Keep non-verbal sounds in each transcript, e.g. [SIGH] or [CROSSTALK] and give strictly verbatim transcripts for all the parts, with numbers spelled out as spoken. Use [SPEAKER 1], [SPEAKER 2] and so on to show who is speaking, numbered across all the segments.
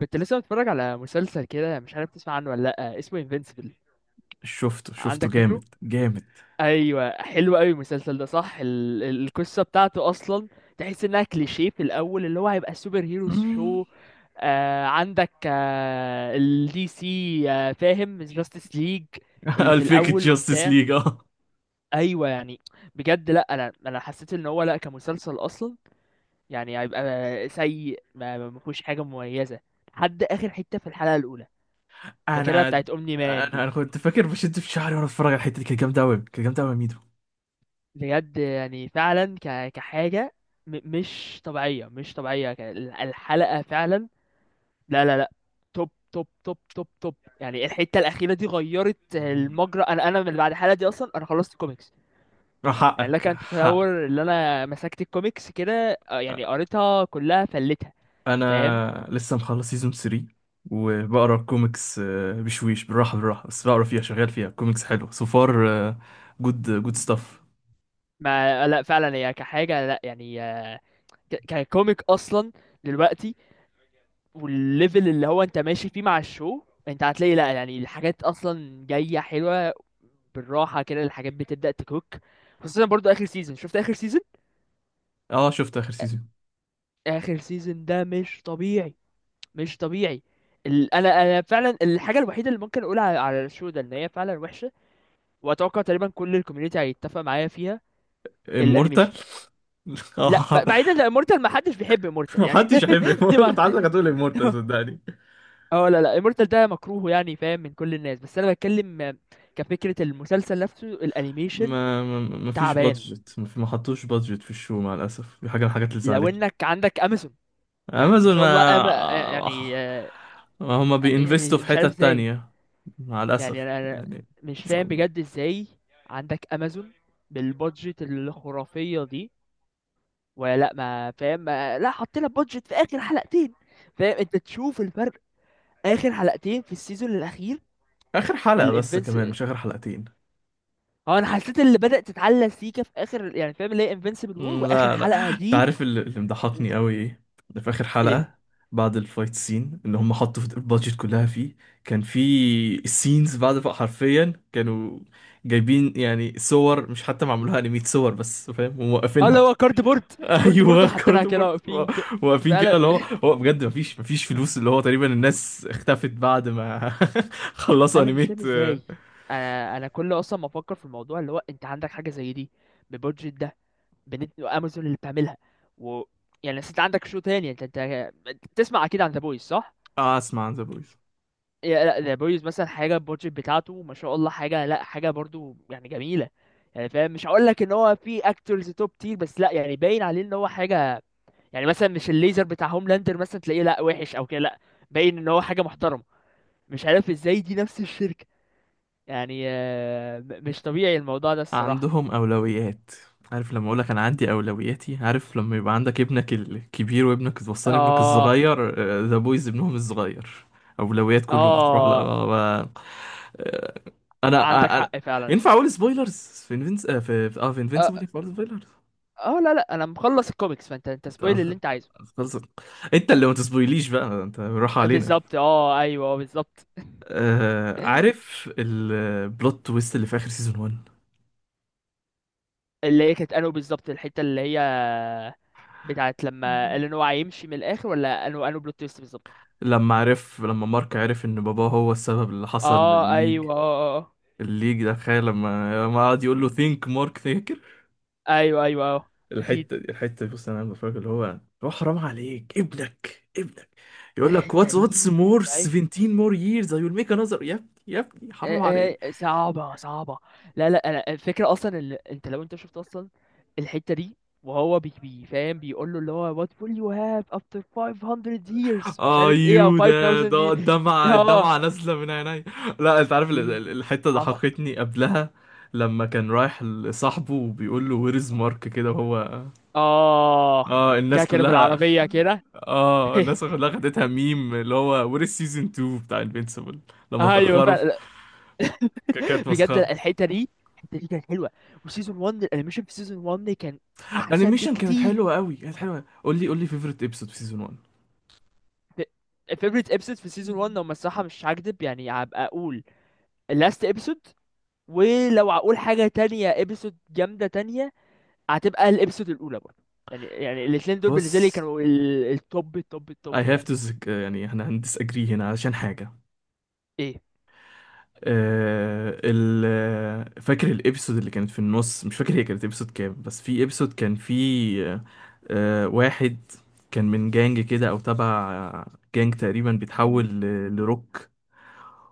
[SPEAKER 1] كنت لسه بتفرج على مسلسل كده، مش عارف تسمع عنه ولا لأ. اسمه انفينسيبل.
[SPEAKER 2] شفته شفته
[SPEAKER 1] عندك فكره؟
[SPEAKER 2] جامد جامد.
[SPEAKER 1] ايوه، حلو قوي المسلسل ده. صح، ال... ال- القصه بتاعته اصلا تحس انها كليشيه في الاول، اللي هو هيبقى سوبر هيرو
[SPEAKER 2] مم.
[SPEAKER 1] شو. آه عندك، آه الدي سي، آه فاهم، جاستس ليج
[SPEAKER 2] [LAUGHS]
[SPEAKER 1] اللي في
[SPEAKER 2] الفيك
[SPEAKER 1] الاول
[SPEAKER 2] جاستس
[SPEAKER 1] وبتاع.
[SPEAKER 2] ليج اه.
[SPEAKER 1] ايوه يعني. بجد لا، انا انا حسيت ان هو لا، كمسلسل اصلا يعني هيبقى سيء، ما ما ما فيهوش حاجه مميزه لحد اخر حته في الحلقه الاولى، فاكرها
[SPEAKER 2] انا
[SPEAKER 1] بتاعت اومني مان
[SPEAKER 2] انا
[SPEAKER 1] دي.
[SPEAKER 2] انا كنت فاكر بشد في شعري وانا بتفرج على الحته دي، كانت جامده قوي كانت جامده قوي يا ميدو.
[SPEAKER 1] بجد يعني فعلا ك... كحاجه م... مش طبيعيه، مش طبيعيه ك... الحلقه فعلا. لا لا لا، توب توب توب توب توب. يعني الحته الاخيره دي غيرت المجرى. انا انا من بعد الحلقه دي اصلا انا خلصت كوميكس.
[SPEAKER 2] آه،
[SPEAKER 1] يعني لك
[SPEAKER 2] حقك
[SPEAKER 1] ان
[SPEAKER 2] حقك.
[SPEAKER 1] تتصور ان انا مسكت الكوميكس كده. آه، يعني قريتها كلها، فلتها. فاهم.
[SPEAKER 2] انا لسه مخلص سيزون ثلاثة وبقرا الكوميكس، آه، بشويش بالراحه بالراحه، بس بقرا فيها شغال فيها كوميكس حلو سو فار، جود جود ستاف.
[SPEAKER 1] ما لا فعلا، هي كحاجه لا يعني، آه، ك... ككوميك اصلا دلوقتي. والليفل اللي هو انت ماشي فيه مع الشو، انت هتلاقي لا يعني الحاجات اصلا جايه حلوه. بالراحه كده الحاجات بتبدا تكوك، خصوصا برضو اخر سيزون. شفت اخر سيزون؟
[SPEAKER 2] اه شفت اخر سيزون.
[SPEAKER 1] اخر سيزون ده مش طبيعي، مش طبيعي. ال... انا انا فعلا الحاجه الوحيده اللي ممكن اقولها على على الشو ده ان هي فعلا وحشه، واتوقع تقريبا كل الكوميونتي هيتفق معايا فيها. الانيميشن.
[SPEAKER 2] امورتال [LAUGHS]
[SPEAKER 1] لا،
[SPEAKER 2] اه.
[SPEAKER 1] ب- بعيدا عن امورتال، ما حدش بيحب امورتال يعني.
[SPEAKER 2] محدش يحب
[SPEAKER 1] [LAUGHS] دي
[SPEAKER 2] Immortal.
[SPEAKER 1] ما
[SPEAKER 2] كنت عايزك هتقول امورتال
[SPEAKER 1] [LAUGHS]
[SPEAKER 2] صدقني.
[SPEAKER 1] اه لا لا، امورتال ده مكروه يعني، فاهم، من كل الناس. بس انا بتكلم آه، كفكره المسلسل نفسه، الانيميشن
[SPEAKER 2] ما ما ما فيش
[SPEAKER 1] تعبان.
[SPEAKER 2] بادجت، ما في- ما حطوش بادجت في الشو، مع الاسف دي حاجه من الحاجات اللي
[SPEAKER 1] لو
[SPEAKER 2] زعلتني.
[SPEAKER 1] انك عندك امازون، يعني ما
[SPEAKER 2] امازون
[SPEAKER 1] شاء الله، أم... آه،
[SPEAKER 2] ما
[SPEAKER 1] يعني آه،
[SPEAKER 2] ما هما
[SPEAKER 1] يعني
[SPEAKER 2] بينفستوا في
[SPEAKER 1] مش عارف
[SPEAKER 2] حتت
[SPEAKER 1] ازاي.
[SPEAKER 2] تانية، مع
[SPEAKER 1] يعني
[SPEAKER 2] الاسف
[SPEAKER 1] انا أنا
[SPEAKER 2] يعني.
[SPEAKER 1] مش فاهم بجد ازاي. عندك امازون بالبادجت الخرافيه دي، ولا لا ما فاهم، ما لا حطينا بادجت في اخر حلقتين؟ فاهم انت تشوف الفرق، اخر حلقتين في السيزون
[SPEAKER 2] اخر حلقه بس كمان،
[SPEAKER 1] الاخير.
[SPEAKER 2] مش اخر حلقتين.
[SPEAKER 1] اه، انا حسيت اللي بدأت تتعلق سيكا في اخر، يعني فاهم، اللي هي انفنسبل وور واخر
[SPEAKER 2] لا لا،
[SPEAKER 1] حلقة
[SPEAKER 2] انت
[SPEAKER 1] دي.
[SPEAKER 2] عارف اللي اللي مضحكني قوي ايه؟ ده في اخر
[SPEAKER 1] ايه.
[SPEAKER 2] حلقه، بعد الفايت سين اللي هم حطوا في البادجت كلها فيه، كان في السينز بعد بقى حرفيا كانوا جايبين يعني صور، مش حتى معمولها انيميت، صور بس فاهم
[SPEAKER 1] اه، اللي
[SPEAKER 2] وموقفينها.
[SPEAKER 1] هو كارد بورد.
[SPEAKER 2] [LAUGHS]
[SPEAKER 1] كارد بورد
[SPEAKER 2] ايوه
[SPEAKER 1] وحطيناها كده،
[SPEAKER 2] كاردبورد،
[SPEAKER 1] واقفين كده.
[SPEAKER 2] واقفين كده.
[SPEAKER 1] انا
[SPEAKER 2] اللي هو هو بجد، مفيش مفيش فلوس، اللي هو تقريبا الناس اختفت بعد ما [LAUGHS]
[SPEAKER 1] [LAUGHS]
[SPEAKER 2] خلصوا
[SPEAKER 1] انا مش
[SPEAKER 2] انيميت.
[SPEAKER 1] فاهم ازاي. انا انا كل اصلا ما افكر في الموضوع اللي هو انت عندك حاجة زي دي بالبودجت ده، بنت امازون اللي بتعملها، و... يعني أصل انت عندك شو تاني. انت انت تسمع اكيد عن ذا بويز، صح؟
[SPEAKER 2] اه اسمع عن ذا بويز.
[SPEAKER 1] يا لا، ذا بويز مثلا حاجه، البودجت بتاعته ما شاء الله، حاجه لا، حاجه برضو يعني جميله. يعني فاهم، مش هقول لك ان هو في اكتورز توب تير، بس لا يعني باين عليه ان هو حاجه. يعني مثلا، مش الليزر بتاع هوملاندر مثلا تلاقيه لا وحش او كده، لا، باين ان هو حاجه محترمه. مش عارف ازاي دي نفس الشركه. يعني آه، م- مش طبيعي الموضوع ده الصراحه.
[SPEAKER 2] عندهم اولويات. عارف لما اقول لك انا عندي اولوياتي، عارف لما يبقى عندك ابنك الكبير وابنك الوسطاني ابنك
[SPEAKER 1] اه.
[SPEAKER 2] الصغير؟ ذا بويز ابنهم الصغير. اولويات كله بتروح
[SPEAKER 1] اه،
[SPEAKER 2] لا. انا
[SPEAKER 1] عندك
[SPEAKER 2] آه، انا،
[SPEAKER 1] حق فعلا.
[SPEAKER 2] ينفع اقول سبويلرز؟ في انفنس آه، في في- اه في انفنسبل
[SPEAKER 1] اه،
[SPEAKER 2] ينفع اقول سبويلرز؟
[SPEAKER 1] آه، لا لا، انا مخلص الكوميكس، فانت انت
[SPEAKER 2] انت
[SPEAKER 1] سبويل اللي انت عايزه.
[SPEAKER 2] خلصت. انت اللي ما تسبويليش بقى، انت راح علينا.
[SPEAKER 1] بالظبط. اه، ايوه، آه، بالظبط.
[SPEAKER 2] آه عارف البلوت تويست اللي في اخر سيزون واحد؟
[SPEAKER 1] اللي هي كانت انو بالظبط، الحته اللي هي بتاعت لما اللي هو هيمشي من الاخر، ولا انو انو بلوت تويست بالظبط.
[SPEAKER 2] لما عرف، لما مارك عرف ان باباه هو السبب اللي حصل
[SPEAKER 1] اه
[SPEAKER 2] للليج،
[SPEAKER 1] ايوه اه آه، آه.
[SPEAKER 2] الليج ده، تخيل لما لما قعد يقول له ثينك مارك ثينكر.
[SPEAKER 1] ايوه ايوه اه. اكيد.
[SPEAKER 2] الحته دي الحته دي، بص انا بفكر اللي هو، هو حرام عليك، ابنك ابنك.
[SPEAKER 1] [LAUGHS]
[SPEAKER 2] يقول لك
[SPEAKER 1] الحته
[SPEAKER 2] واتس واتس
[SPEAKER 1] دي مش
[SPEAKER 2] مور
[SPEAKER 1] طبيعيه.
[SPEAKER 2] سيفنتين مور ييرز اي ويل ميك انذر. يا ابني يا ابني حرام.
[SPEAKER 1] آه، آه، صعبه صعبه. لا لا، انا الفكره اصلا اللي انت، لو انت شفت اصلا الحته دي، وهو بي بي فاهم بيقول له اللي هو what will you have after خمسمية years، مش عارف ايه، او
[SPEAKER 2] ايوه ده
[SPEAKER 1] five thousand،
[SPEAKER 2] ده،
[SPEAKER 1] دي.
[SPEAKER 2] الدمعه الدمعه
[SPEAKER 1] اه،
[SPEAKER 2] نازله من عيني. لا انت عارف، ال-
[SPEAKER 1] دي
[SPEAKER 2] ال- الحته
[SPEAKER 1] صعبه.
[SPEAKER 2] ضحكتني قبلها، لما كان رايح لصاحبه وبيقول له وير از مارك كده وهو.
[SPEAKER 1] اه،
[SPEAKER 2] اه
[SPEAKER 1] جا
[SPEAKER 2] الناس
[SPEAKER 1] كده
[SPEAKER 2] كلها،
[SPEAKER 1] بالعربيه كده.
[SPEAKER 2] اه الناس كلها
[SPEAKER 1] [LAUGHS]
[SPEAKER 2] خدتها ميم، اللي هو وير از سيزون اتنين بتاع انفينسيبل، لما
[SPEAKER 1] ايوه
[SPEAKER 2] اتاخروا في-
[SPEAKER 1] فعلا.
[SPEAKER 2] ك-
[SPEAKER 1] [LAUGHS]
[SPEAKER 2] كانت
[SPEAKER 1] بجد
[SPEAKER 2] مسخره.
[SPEAKER 1] الحته دي، الحته دي كانت حلوه. وسيزون واحد، الانيميشن في سيزون واحد كان احسن
[SPEAKER 2] الانيميشن كانت
[SPEAKER 1] بكتير.
[SPEAKER 2] حلوه قوي كانت حلوه. قول لي قول لي فيفورت ابيسود في سيزون واحد.
[SPEAKER 1] الفيفوريت ابسود في سيزون واحد، لو الصراحه مش هكدب، يعني هبقى اقول اللاست ابسود. ولو هقول حاجه تانية، ابسود جامده تانية هتبقى الابسود الاولى برضه. يعني يعني الاثنين دول بالنسبه لي
[SPEAKER 2] بص،
[SPEAKER 1] كانوا ال- التوب التوب
[SPEAKER 2] I
[SPEAKER 1] التوب
[SPEAKER 2] have
[SPEAKER 1] يعني.
[SPEAKER 2] to disagree، يعني احنا هندس اجري هنا عشان حاجه.
[SPEAKER 1] ايه.
[SPEAKER 2] آه، ال- فاكر الابيسود اللي كانت في النص؟ مش فاكر هي كانت ابيسود كام، بس في ابيسود كان في آه، آه، واحد، كان من جانج كده، او تبع جانج، تقريبا بيتحول ل- لروك،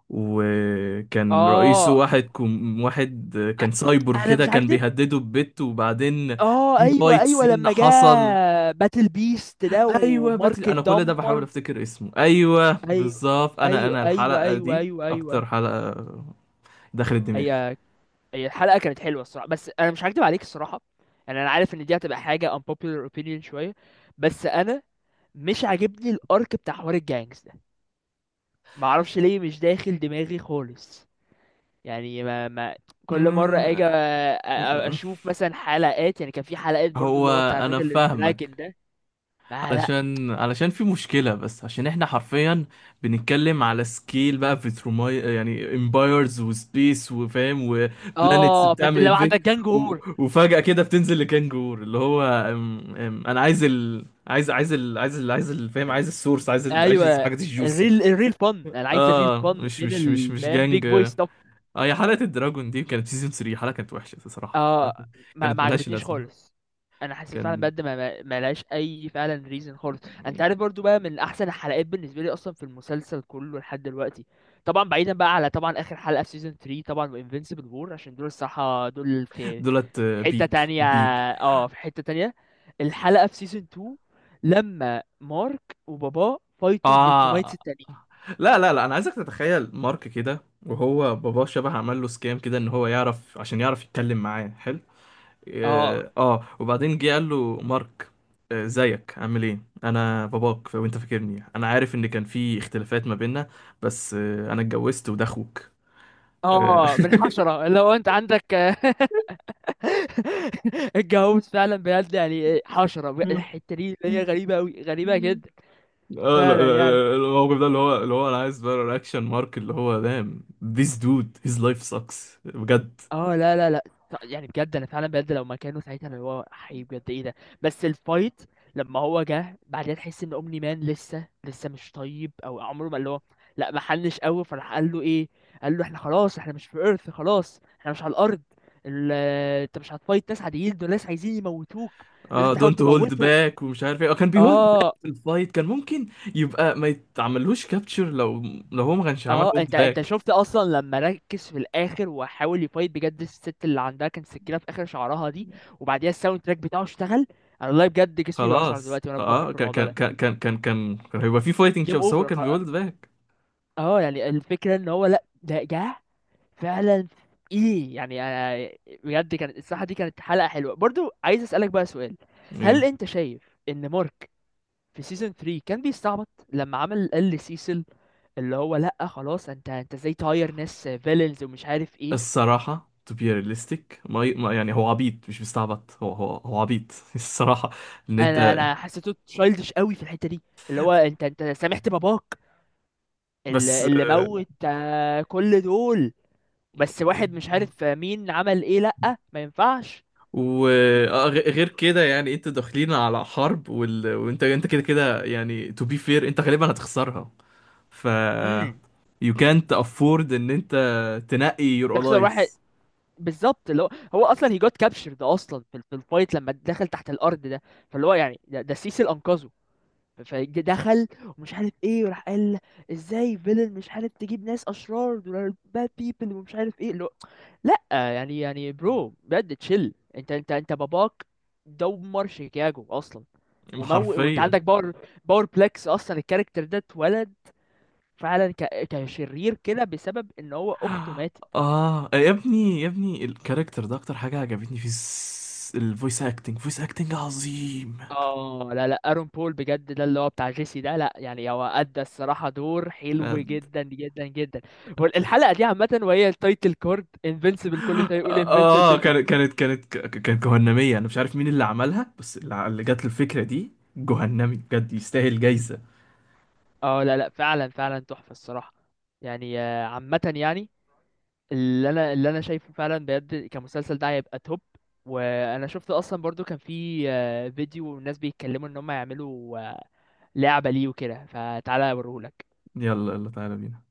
[SPEAKER 2] وكان رئيسه
[SPEAKER 1] اه.
[SPEAKER 2] واحد، كم واحد،
[SPEAKER 1] أ-
[SPEAKER 2] كان سايبورغ
[SPEAKER 1] انا
[SPEAKER 2] كده،
[SPEAKER 1] مش
[SPEAKER 2] كان
[SPEAKER 1] هكدب.
[SPEAKER 2] بيهدده ببت، وبعدين
[SPEAKER 1] اه،
[SPEAKER 2] في
[SPEAKER 1] ايوه
[SPEAKER 2] فايت
[SPEAKER 1] ايوه
[SPEAKER 2] سين
[SPEAKER 1] لما جه
[SPEAKER 2] حصل.
[SPEAKER 1] باتل بيست ده
[SPEAKER 2] ايوه باتل،
[SPEAKER 1] ومارك
[SPEAKER 2] انا كل ده بحاول
[SPEAKER 1] اتدمر.
[SPEAKER 2] افتكر اسمه، ايوه
[SPEAKER 1] ايوه
[SPEAKER 2] بالظبط. انا
[SPEAKER 1] ايوه
[SPEAKER 2] انا
[SPEAKER 1] ايوه
[SPEAKER 2] الحلقه
[SPEAKER 1] ايوه
[SPEAKER 2] دي
[SPEAKER 1] ايوه ايوه.
[SPEAKER 2] اكتر حلقه دخلت دماغي.
[SPEAKER 1] هي. هي الحلقه كانت حلوه الصراحه، بس انا مش هكدب عليك الصراحه. يعني انا عارف ان دي هتبقى حاجه unpopular opinion شويه، بس انا مش عاجبني الارك بتاع حوار الجانجز ده. ما اعرفش ليه، مش داخل دماغي خالص. يعني ما, ما، كل مره
[SPEAKER 2] م-
[SPEAKER 1] اجي أ- أ-
[SPEAKER 2] م-
[SPEAKER 1] اشوف مثلا حلقات، يعني كان في حلقات برضو
[SPEAKER 2] هو
[SPEAKER 1] اللي هو بتاع
[SPEAKER 2] انا
[SPEAKER 1] الراجل الدراجون
[SPEAKER 2] فاهمك،
[SPEAKER 1] ده. ما لا.
[SPEAKER 2] علشان علشان في مشكلة، بس عشان احنا حرفيا بنتكلم على سكيل بقى بتروماي، يعني امبايرز وسبيس وفاهم وبلانيتس
[SPEAKER 1] اه، فانت
[SPEAKER 2] بتعمل
[SPEAKER 1] لو
[SPEAKER 2] انفيت،
[SPEAKER 1] عندك جانج
[SPEAKER 2] و...
[SPEAKER 1] وور.
[SPEAKER 2] وفجأة كده بتنزل لكانجور، اللي هو أم... أم... انا عايز ال... عايز عايز ال... عايز ال... عايز ال... فاهم، عايز السورس، عايز ال... عايز
[SPEAKER 1] ايوه.
[SPEAKER 2] الحاجات الجوسي.
[SPEAKER 1] الريل الريل فن، انا عايز الريل
[SPEAKER 2] اه
[SPEAKER 1] فن،
[SPEAKER 2] مش
[SPEAKER 1] فين
[SPEAKER 2] مش مش
[SPEAKER 1] ال
[SPEAKER 2] مش
[SPEAKER 1] فاهم بيج
[SPEAKER 2] جانج
[SPEAKER 1] بوي.
[SPEAKER 2] اه. هي حلقة الدراجون دي كانت سيزون ثلاثة حلقة، كانت وحشة بصراحة، حلقة
[SPEAKER 1] اه، ما, ما
[SPEAKER 2] كانت ملهاش
[SPEAKER 1] عجبتنيش
[SPEAKER 2] لازمة.
[SPEAKER 1] خالص. انا حسيت فعلا
[SPEAKER 2] كان
[SPEAKER 1] بجد ما ما- ما لهاش اي فعلا ريزن خالص. انت عارف، برضو بقى من احسن الحلقات بالنسبه لي اصلا في المسلسل كله لحد دلوقتي، طبعا بعيدا بقى على طبعا اخر حلقه في سيزون تلاتة طبعا، وانفينسيبل وور، عشان دول الصراحه دول في
[SPEAKER 2] دولت
[SPEAKER 1] حته
[SPEAKER 2] بيك
[SPEAKER 1] تانية.
[SPEAKER 2] بيك.
[SPEAKER 1] اه، في حته تانية، الحلقه في سيزون اتنين لما مارك وباباه فايتوا الفلترومايتس
[SPEAKER 2] اه
[SPEAKER 1] التانيين.
[SPEAKER 2] لا لا لا، انا عايزك تتخيل مارك كده، وهو باباه شبه عمل له سكام كده، ان هو يعرف، عشان يعرف يتكلم معاه حلو.
[SPEAKER 1] اه.
[SPEAKER 2] اه، آه، وبعدين جه قال له مارك، آه ازيك عامل ايه؟ انا باباك، ف- وانت فاكرني، انا عارف ان كان في اختلافات ما بيننا، بس آه، انا اتجوزت وده اخوك.
[SPEAKER 1] اه، من حشره لو انت عندك [LAUGHS] [LAUGHS] الجاموس فعلا بجد، يعني إيه، حشرة.
[SPEAKER 2] آه،
[SPEAKER 1] الحتة دي اللي هي غريبة أوي، غريبة
[SPEAKER 2] [LAUGHS]
[SPEAKER 1] جدا
[SPEAKER 2] آه، ال-
[SPEAKER 1] فعلا يعني.
[SPEAKER 2] ال- الموقف ده، اللي هو اللي هو انا عايز بقى رياكشن مارك، اللي هو دام، this dude his life sucks، بجد.
[SPEAKER 1] اه لا لا لا، يعني بجد انا فعلا بجد لو مكانه ساعتها، اللي هو حي بجد ايه ده. بس الفايت، لما هو جه بعدين تحس ان اومني مان لسه لسه مش طيب، او عمره ما اللي هو، لا ما حلش قوي. فراح قال له ايه؟ قال له احنا خلاص احنا مش في ايرث، خلاص احنا مش على الارض، ال- انت مش هتفايت ناس عاديين، دول ناس عايزين يموتوك، لازم
[SPEAKER 2] اه
[SPEAKER 1] تحاول
[SPEAKER 2] don't hold
[SPEAKER 1] تموتهم.
[SPEAKER 2] back ومش عارف ايه، آه، كان بيهولد باك.
[SPEAKER 1] اه.
[SPEAKER 2] في الفايت، كان ممكن يبقى ما يتعملوش كابتشر، لو لو هو ما كانش عمل
[SPEAKER 1] اه،
[SPEAKER 2] هولد
[SPEAKER 1] انت انت
[SPEAKER 2] باك.
[SPEAKER 1] شفت اصلا لما ركز في الاخر وحاول يفايت بجد، الست اللي عندها كان سكينه في اخر شعرها دي، وبعديها الساوند تراك بتاعه اشتغل. انا والله بجد جسمي بيقشعر
[SPEAKER 2] خلاص
[SPEAKER 1] دلوقتي وانا بفكر
[SPEAKER 2] اه،
[SPEAKER 1] في
[SPEAKER 2] كان
[SPEAKER 1] الموضوع
[SPEAKER 2] كان
[SPEAKER 1] ده.
[SPEAKER 2] كان كان كان كان كان هيبقى في فايتنج شو،
[SPEAKER 1] جيم
[SPEAKER 2] بس هو
[SPEAKER 1] اوفر
[SPEAKER 2] كان
[SPEAKER 1] خ-
[SPEAKER 2] بيهولد باك.
[SPEAKER 1] اه، يعني الفكره ان هو لا، ده جه فعلا، ايه يعني انا بجد، كانت الصراحه دي كانت حلقه حلوه. برضو عايز اسالك بقى سؤال، هل
[SPEAKER 2] ايه
[SPEAKER 1] انت شايف ان مارك في سيزون تلاتة كان بيستعبط لما عمل قال لسيسل اللي هو لا خلاص انت انت ازاي تهاير ناس فيلنز، ومش عارف ايه؟
[SPEAKER 2] الصراحة، to be realistic، ما ي- ما- يعني هو عبيط، مش مستعبط، هو هو هو عبيط [LAUGHS] الصراحة، ان
[SPEAKER 1] انا
[SPEAKER 2] انت.
[SPEAKER 1] انا حسيته تشايلدش قوي في الحته دي، اللي هو انت انت سامحت باباك اللي,
[SPEAKER 2] بس
[SPEAKER 1] اللي موت، آه، كل دول، بس واحد مش
[SPEAKER 2] آه،
[SPEAKER 1] عارف مين عمل ايه، لا ما ينفعش.
[SPEAKER 2] وغير كده، يعني انتوا داخلين على حرب، وال... وانت انت كده كده يعني، to be fair انت غالبا هتخسرها. ف
[SPEAKER 1] امم.
[SPEAKER 2] you can't afford ان انت تنقي your
[SPEAKER 1] تخسر
[SPEAKER 2] allies.
[SPEAKER 1] واحد، بالظبط. اللي هو، هو اصلا هي جوت كابشرد اصلا في, في الفايت لما دخل تحت الارض ده، فاللي هو يعني ده, ده سيسل انقذه. فدخل، ومش عارف ايه، وراح قال ازاي فيلن مش عارف تجيب ناس اشرار، دول باد بيبل، ومش عارف ايه، لا يعني، يعني برو بجد تشيل. انت انت انت باباك دمر شيكاغو اصلا، ومو وانت
[SPEAKER 2] حرفيا.
[SPEAKER 1] عندك باور، باور بلاكس اصلا الكاركتر ده اتولد فعلا ك... كشرير كده بسبب ان هو اخته ماتت.
[SPEAKER 2] اه يا ابني يا ابني، الكاركتر ده اكتر حاجة عجبتني في الفويس اكتنج. فويس اكتنج عظيم.
[SPEAKER 1] اه لا لا، ارون بول بجد ده اللي هو بتاع جيسي ده، لا يعني هو ادى الصراحه دور حلو
[SPEAKER 2] آه.
[SPEAKER 1] جدا جدا جدا. والحلقه دي عامه، وهي التايتل كورد انفينسيبل كل شويه، يقول انفينسيبل
[SPEAKER 2] اه
[SPEAKER 1] تطلع.
[SPEAKER 2] كانت كانت كانت ك- كانت جهنمية، انا مش عارف مين اللي عملها، بس اللي اللي جات له الفكرة دي، جهنمي بجد، يستاهل جايزة.
[SPEAKER 1] اه لا لا، فعلا فعلا تحفه الصراحه. يعني آه، عامه يعني، اللي انا اللي انا شايفه فعلا بجد، كمسلسل ده هيبقى توب. وانا شفت اصلا برضو كان في آه، فيديو، والناس بيتكلموا ان هم يعملوا آه، لعبة ليه وكده، فتعالى اوريهولك.
[SPEAKER 2] يلا يلا تعالى بينا.